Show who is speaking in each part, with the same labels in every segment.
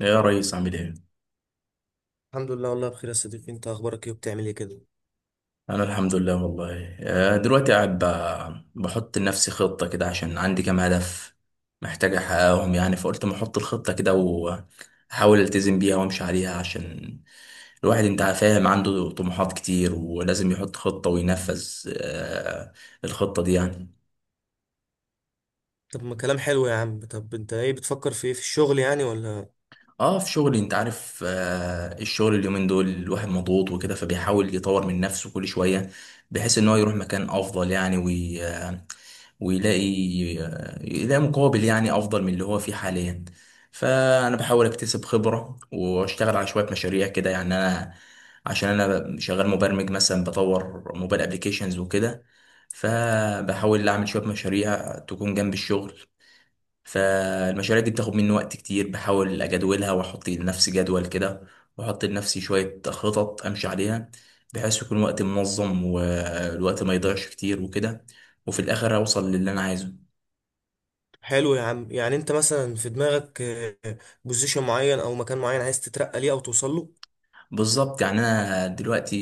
Speaker 1: يا ريس، عامل ايه؟
Speaker 2: الحمد لله، والله بخير يا صديقي. انت اخبارك ايه وبتعمل ايه كده؟
Speaker 1: انا الحمد لله والله. دلوقتي قاعد بحط لنفسي خطة كده عشان عندي كام هدف محتاج احققهم، يعني فقلت ما احط الخطة كده واحاول التزم بيها وامشي عليها عشان الواحد انت فاهم، عنده طموحات كتير ولازم يحط خطة وينفذ آه، الخطة دي يعني.
Speaker 2: طب ما كلام حلو يا عم. طب انت ايه بتفكر في ايه في الشغل يعني ولا؟
Speaker 1: اه في شغلي، انت عارف آه الشغل اليومين دول الواحد مضغوط وكده، فبيحاول يطور من نفسه كل شوية بحيث ان هو يروح مكان افضل يعني، وي آه، ويلاقي يلاقي مقابل يعني افضل من اللي هو فيه حاليا. فانا بحاول اكتسب خبرة واشتغل على شوية مشاريع كده يعني، انا عشان انا شغال مبرمج مثلا بطور موبايل ابليكيشنز وكده، فبحاول اعمل شوية مشاريع تكون جنب الشغل. فالمشاريع دي بتاخد مني وقت كتير، بحاول اجدولها واحط لنفسي جدول كده، واحط لنفسي شوية خطط امشي عليها بحيث يكون وقتي منظم والوقت ما يضيعش كتير وكده، وفي الاخر اوصل للي انا عايزه.
Speaker 2: حلو يا عم. يعني انت مثلا في دماغك بوزيشن معين او مكان معين عايز تترقى ليه او توصل له؟
Speaker 1: بالظبط، يعني انا دلوقتي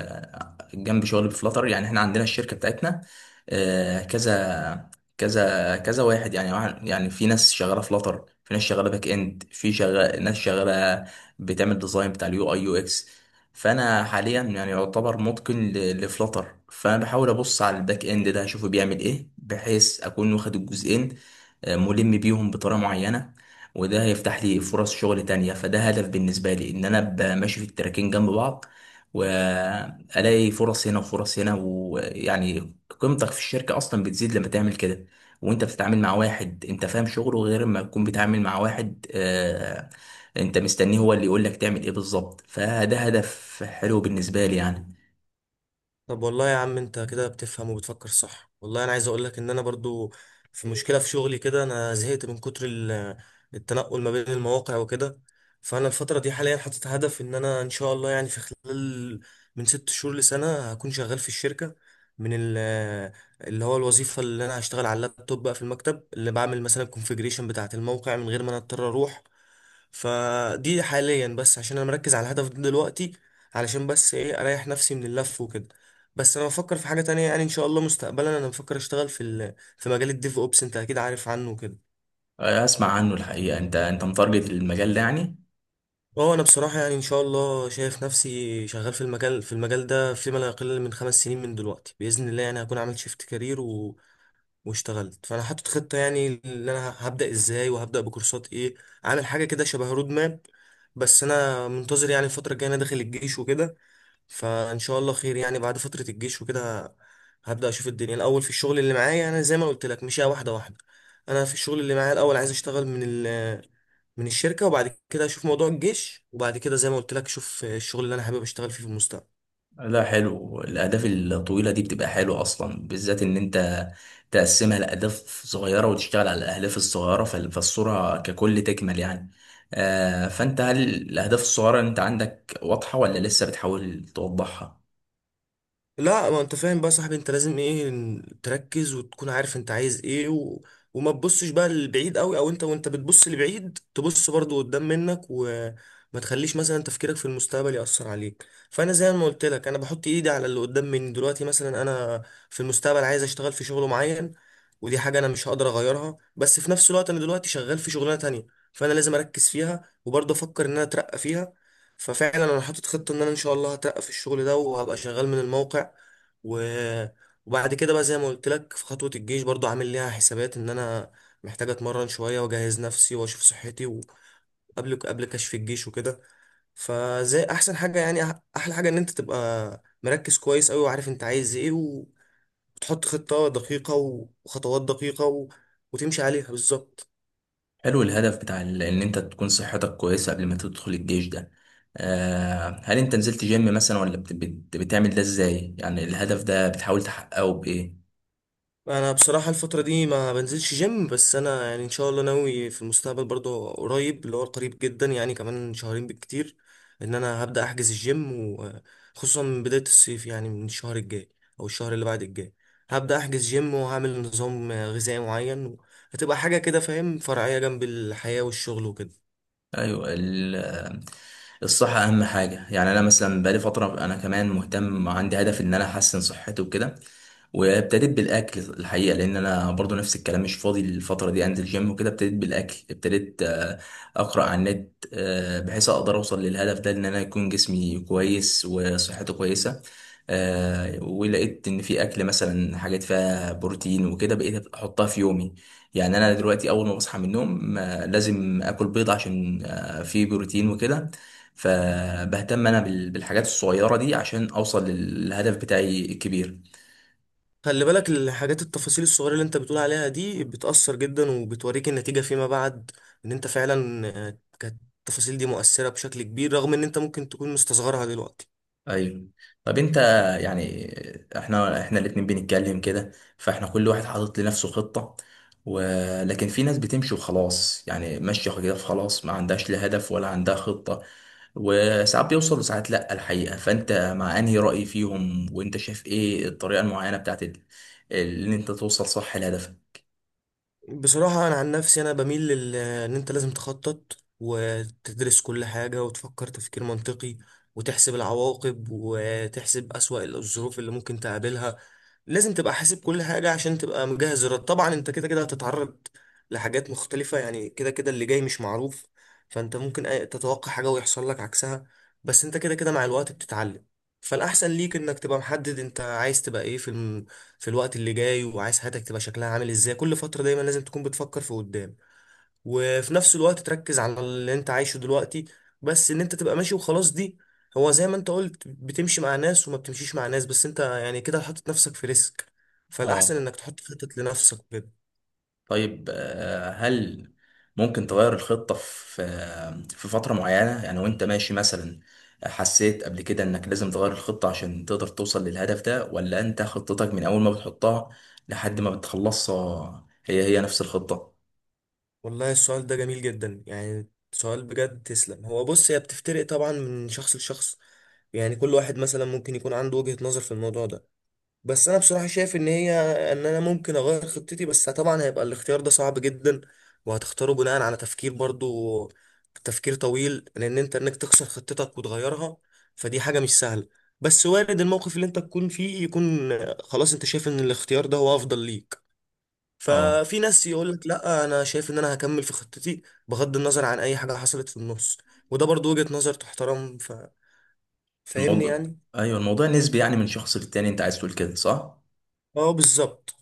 Speaker 1: جنب شغلي بفلاتر، يعني احنا عندنا الشركه بتاعتنا كذا كذا كذا واحد، يعني يعني في ناس شغاله فلاتر، في ناس شغاله باك اند، في شغال ناس شغاله بتعمل ديزاين بتاع اليو اي يو اكس. فانا حاليا يعني يعتبر متقن لفلاتر، فانا بحاول ابص على الباك اند ده اشوفه بيعمل ايه بحيث اكون واخد الجزئين ملم بيهم بطريقه معينه، وده هيفتح لي فرص شغل تانية. فده هدف بالنسبة لي، ان انا ابقى ماشي في التراكين جنب بعض والاقي فرص هنا وفرص هنا، ويعني قيمتك في الشركة اصلا بتزيد لما تعمل كده. وانت بتتعامل مع واحد انت فاهم شغله غير ما تكون بتتعامل مع واحد انت مستنيه هو اللي يقول لك تعمل ايه بالظبط. فده هدف حلو بالنسبة لي يعني.
Speaker 2: طب والله يا عم انت كده بتفهم وبتفكر صح. والله انا عايز اقول لك ان انا برضو في مشكلة في شغلي كده. انا زهقت من كتر التنقل ما بين المواقع وكده. فانا الفترة دي حاليا حاطط هدف ان انا ان شاء الله يعني في خلال من 6 شهور لسنة هكون شغال في الشركة، من ال- اللي هو الوظيفة اللي انا هشتغل على اللابتوب بقى في المكتب، اللي بعمل مثلا الكونفيجريشن بتاعة الموقع من غير ما انا اضطر اروح. فدي حاليا بس عشان انا مركز على الهدف ده دلوقتي، علشان بس ايه، اريح نفسي من اللف وكده. بس انا بفكر في حاجه تانية، يعني ان شاء الله مستقبلا انا بفكر اشتغل في في مجال الديف اوبس، انت اكيد عارف عنه كده.
Speaker 1: اسمع عنه الحقيقة. انت متارجت المجال ده يعني؟
Speaker 2: اه انا بصراحه يعني ان شاء الله شايف نفسي شغال في المجال ده فيما لا يقل من 5 سنين من دلوقتي باذن الله، يعني هكون عملت شيفت كارير واشتغلت. فانا حاطط خطه يعني اللي انا هبدا ازاي وهبدا بكورسات ايه، عامل حاجه كده شبه رود ماب. بس انا منتظر يعني الفتره الجايه انا داخل الجيش وكده، فان شاء الله خير. يعني بعد فتره الجيش وكده هبدا اشوف الدنيا الاول. في الشغل اللي معايا انا زي ما قلت لك مشيها واحده واحده. انا في الشغل اللي معايا الاول عايز اشتغل من ال من الشركه، وبعد كده اشوف موضوع الجيش، وبعد كده زي ما قلت لك اشوف الشغل اللي انا حابب اشتغل فيه في المستقبل.
Speaker 1: لا حلو، الأهداف الطويلة دي بتبقى حلوة أصلا، بالذات إن أنت تقسمها لأهداف صغيرة وتشتغل على الأهداف الصغيرة، فالصورة ككل تكمل يعني. فأنت هل الأهداف الصغيرة أنت عندك واضحة، ولا لسه بتحاول توضحها؟
Speaker 2: لا ما انت فاهم بقى يا صاحبي، انت لازم ايه، تركز وتكون عارف انت عايز ايه وما تبصش بقى لبعيد قوي، او انت وانت بتبص لبعيد تبص برضو قدام منك، وما تخليش مثلا تفكيرك في المستقبل يأثر عليك. فانا زي ما قلت لك انا بحط ايدي على اللي قدام مني دلوقتي. مثلا انا في المستقبل عايز اشتغل في شغل معين، ودي حاجة انا مش هقدر اغيرها، بس في نفس الوقت انا دلوقتي شغال في شغلانة تانية، فانا لازم اركز فيها وبرضه افكر ان انا اترقى فيها. ففعلا انا حاطط خطه ان انا ان شاء الله هترقى في الشغل ده وهبقى شغال من الموقع، و... وبعد كده بقى زي ما قلت لك في خطوه الجيش، برضو عامل ليها حسابات ان انا محتاج اتمرن شويه واجهز نفسي واشوف صحتي قبل كشف الجيش وكده. فزي احسن حاجه يعني احلى حاجه ان انت تبقى مركز كويس قوي وعارف انت عايز ايه وتحط خطه دقيقه وخطوات دقيقه وتمشي عليها بالظبط.
Speaker 1: حلو الهدف بتاع إن أنت تكون صحتك كويسة قبل ما تدخل الجيش ده. هل أنت نزلت جيم مثلا، ولا بتعمل ده إزاي؟ يعني الهدف ده بتحاول تحققه بإيه؟
Speaker 2: انا بصراحه الفتره دي ما بنزلش جيم، بس انا يعني ان شاء الله ناوي في المستقبل برضه قريب، اللي هو قريب جدا يعني كمان شهرين بالكتير ان انا هبدا احجز الجيم، وخصوصا من بدايه الصيف يعني من الشهر الجاي او الشهر اللي بعد الجاي هبدا احجز جيم وهعمل نظام غذائي معين. هتبقى حاجه كده فاهم فرعيه جنب الحياه والشغل وكده.
Speaker 1: ايوه الصحة اهم حاجة. يعني انا مثلا بقالي فترة، انا كمان مهتم، عندي هدف ان انا احسن صحتي وكده. وابتديت بالاكل الحقيقة، لان انا برضو نفس الكلام، مش فاضي الفترة دي انزل جيم وكده. ابتديت بالاكل، ابتديت اقرأ عن النت بحيث اقدر اوصل للهدف ده، ان انا يكون جسمي كويس وصحته كويسة. ولقيت ان في اكل مثلا حاجات فيها بروتين وكده، بقيت احطها في يومي. يعني انا دلوقتي اول ما بصحى من النوم لازم اكل بيض عشان فيه بروتين وكده. فبهتم انا بالحاجات الصغيره دي عشان اوصل للهدف بتاعي الكبير.
Speaker 2: خلي بالك، الحاجات التفاصيل الصغيرة اللي انت بتقول عليها دي بتأثر جدا وبتوريك النتيجة فيما بعد، ان انت فعلا كانت التفاصيل دي مؤثرة بشكل كبير رغم ان انت ممكن تكون مستصغرها دلوقتي.
Speaker 1: ايوه. طب انت يعني، احنا الاتنين بنتكلم كده، فاحنا كل واحد حاطط لنفسه خطه، ولكن في ناس بتمشي وخلاص، يعني ماشيه كده خلاص، ما عندهاش لا هدف ولا عندها خطه. وساعات بيوصل وساعات لا الحقيقه. فانت مع انهي راي فيهم، وانت شايف ايه الطريقه المعينه بتاعت اللي انت توصل صح لهدفك؟
Speaker 2: بصراحة أنا عن نفسي أنا بميل إن أنت لازم تخطط وتدرس كل حاجة وتفكر تفكير منطقي وتحسب العواقب وتحسب أسوأ الظروف اللي ممكن تقابلها. لازم تبقى حاسب كل حاجة عشان تبقى مجهز الرد. طبعا أنت كده كده هتتعرض لحاجات مختلفة، يعني كده كده اللي جاي مش معروف، فأنت ممكن تتوقع حاجة ويحصل لك عكسها، بس أنت كده كده مع الوقت بتتعلم. فالأحسن ليك إنك تبقى محدد أنت عايز تبقى إيه في في الوقت اللي جاي، وعايز حياتك تبقى شكلها عامل ازاي. كل فترة دايما لازم تكون بتفكر في قدام، وفي نفس الوقت تركز على اللي انت عايشه دلوقتي. بس ان انت تبقى ماشي وخلاص دي، هو زي ما انت قلت، بتمشي مع ناس وما بتمشيش مع ناس، بس انت يعني كده حاطط نفسك في ريسك، فالأحسن
Speaker 1: اه.
Speaker 2: انك تحط خطط لنفسك كده.
Speaker 1: طيب هل ممكن تغير الخطة في في فترة معينة؟ يعني وانت ماشي مثلا، حسيت قبل كده انك لازم تغير الخطة عشان تقدر توصل للهدف ده، ولا انت خطتك من اول ما بتحطها لحد ما بتخلصها هي هي نفس الخطة؟
Speaker 2: والله السؤال ده جميل جدا، يعني سؤال بجد تسلم. هو بص، هي بتفترق طبعا من شخص لشخص، يعني كل واحد مثلا ممكن يكون عنده وجهة نظر في الموضوع ده. بس انا بصراحه شايف ان هي، ان انا ممكن اغير خطتي، بس طبعا هيبقى الاختيار ده صعب جدا، وهتختاره بناء على تفكير برضو، تفكير طويل، لان انت انك تخسر خطتك وتغيرها فدي حاجه مش سهله. بس وارد الموقف اللي انت تكون فيه يكون خلاص انت شايف ان الاختيار ده هو افضل ليك.
Speaker 1: اه
Speaker 2: ففي ناس يقول لك لا انا شايف ان انا هكمل في خطتي بغض النظر عن اي حاجه حصلت في النص، وده برضو وجهه نظر تحترم. فاهمني
Speaker 1: الموضوع.
Speaker 2: يعني.
Speaker 1: ايوه الموضوع نسبي، يعني من شخص للتاني، انت عايز تقول كده صح؟
Speaker 2: اه بالظبط.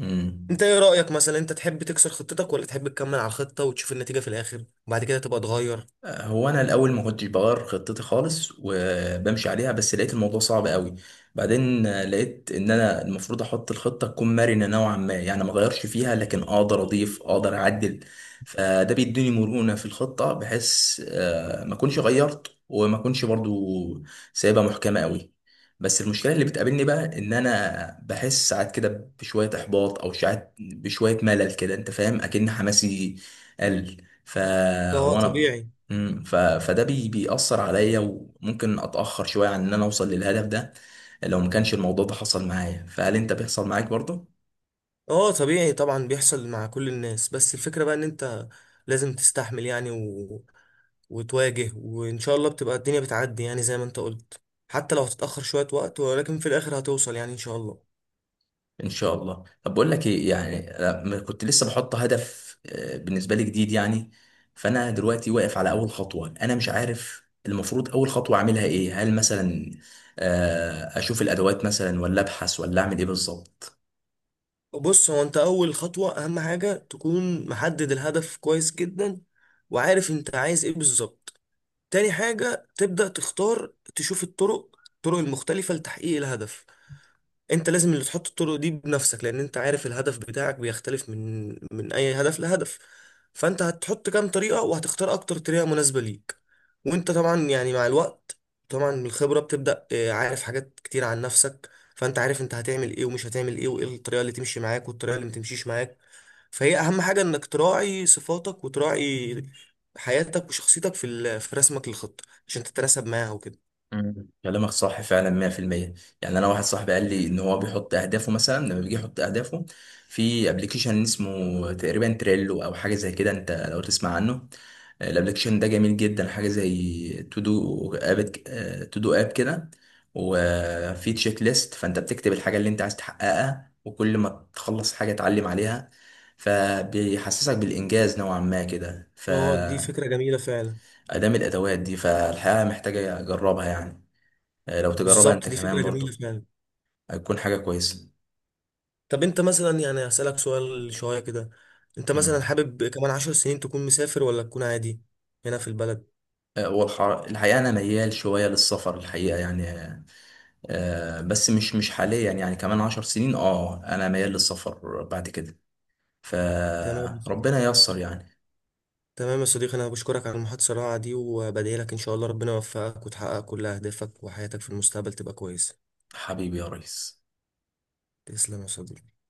Speaker 1: امم.
Speaker 2: انت ايه رأيك، مثلا انت تحب تكسر خطتك، ولا تحب تكمل على الخطة وتشوف النتيجة في الآخر وبعد كده تبقى تغير؟
Speaker 1: هو انا الاول ما كنتش بغير خطتي خالص وبمشي عليها، بس لقيت الموضوع صعب قوي. بعدين لقيت ان انا المفروض احط الخطه تكون مرنه نوعا ما، يعني ما اغيرش فيها لكن اقدر اضيف، اقدر اعدل. فده بيديني مرونه في الخطه، بحيث ما اكونش غيرت وما اكونش برضو سايبها محكمه قوي. بس المشكله اللي بتقابلني بقى، ان انا بحس ساعات كده بشويه احباط، او ساعات بشويه ملل كده، انت فاهم، اكن حماسي قل. ف
Speaker 2: اه
Speaker 1: وانا
Speaker 2: طبيعي.
Speaker 1: بيأثر عليا، وممكن اتأخر شوية عن ان انا اوصل للهدف ده. لو ما كانش الموضوع ده حصل معايا، فهل انت بيحصل معاك برضه؟
Speaker 2: اه طبيعي، طبعا بيحصل مع كل الناس. بس الفكرة بقى ان انت لازم تستحمل يعني وتواجه، وان شاء الله بتبقى الدنيا بتعدي يعني زي ما انت قلت، حتى لو هتتأخر شوية وقت ولكن في الآخر هتوصل يعني ان شاء الله.
Speaker 1: ان شاء الله. طب بقول لك ايه، يعني لما كنت لسه بحط هدف بالنسبة لي جديد يعني، فانا دلوقتي واقف على اول خطوة، انا مش عارف المفروض اول خطوة اعملها ايه. هل مثلا اشوف الادوات مثلا، ولا ابحث، ولا اعمل ايه بالظبط؟
Speaker 2: بص، هو انت اول خطوة اهم حاجة تكون محدد الهدف كويس جدا وعارف انت عايز ايه بالظبط. تاني حاجة تبدأ تختار تشوف الطرق، الطرق المختلفة لتحقيق الهدف. انت لازم اللي تحط الطرق دي بنفسك، لان انت عارف الهدف بتاعك بيختلف من اي هدف لهدف. فانت هتحط كام طريقة وهتختار اكتر طريقة مناسبة ليك. وانت طبعا يعني مع الوقت، طبعا من الخبرة بتبدأ عارف حاجات كتير عن نفسك، فانت عارف انت هتعمل ايه ومش هتعمل ايه وايه الطريقة اللي تمشي معاك والطريقة اللي متمشيش معاك. فهي اهم حاجة انك تراعي صفاتك وتراعي حياتك وشخصيتك في في رسمك للخطة عشان تتناسب معاها وكده.
Speaker 1: مم. كلامك صح فعلا 100%. يعني انا واحد صاحبي قال لي ان هو بيحط اهدافه، مثلا لما بيجي يحط اهدافه في ابلكيشن اسمه تقريبا تريلو، او حاجه زي كده، انت لو تسمع عنه. الابلكيشن ده جميل جدا، حاجه زي تو دو اب، تو دو اب كده، وفي تشيك ليست. فانت بتكتب الحاجه اللي انت عايز تحققها، وكل ما تخلص حاجه تعلم عليها، فبيحسسك بالانجاز نوعا ما كده.
Speaker 2: اه دي
Speaker 1: فادام
Speaker 2: فكرة جميلة فعلا.
Speaker 1: الادوات دي، فالحقيقه محتاجه اجربها يعني. لو تجربها انت
Speaker 2: بالظبط، دي
Speaker 1: كمان
Speaker 2: فكرة جميلة
Speaker 1: برضو
Speaker 2: فعلا.
Speaker 1: هتكون حاجة كويسة.
Speaker 2: طب انت مثلا يعني هسألك سؤال شوية كده. انت مثلا
Speaker 1: مم.
Speaker 2: حابب كمان 10 سنين تكون مسافر ولا تكون عادي هنا في البلد؟
Speaker 1: الحقيقة أنا ميال شوية للسفر، الحقيقة يعني بس مش حاليا، يعني كمان عشر سنين اه، أنا ميال للسفر بعد كده،
Speaker 2: تمام يا
Speaker 1: فربنا
Speaker 2: صديقي.
Speaker 1: ييسر يعني.
Speaker 2: تمام يا صديقي، انا بشكرك على المحادثة الرائعة دي، وبدعي لك ان شاء الله ربنا يوفقك وتحقق كل اهدافك وحياتك في المستقبل تبقى كويسة.
Speaker 1: حبيبي يا ريس.
Speaker 2: تسلم يا صديقي.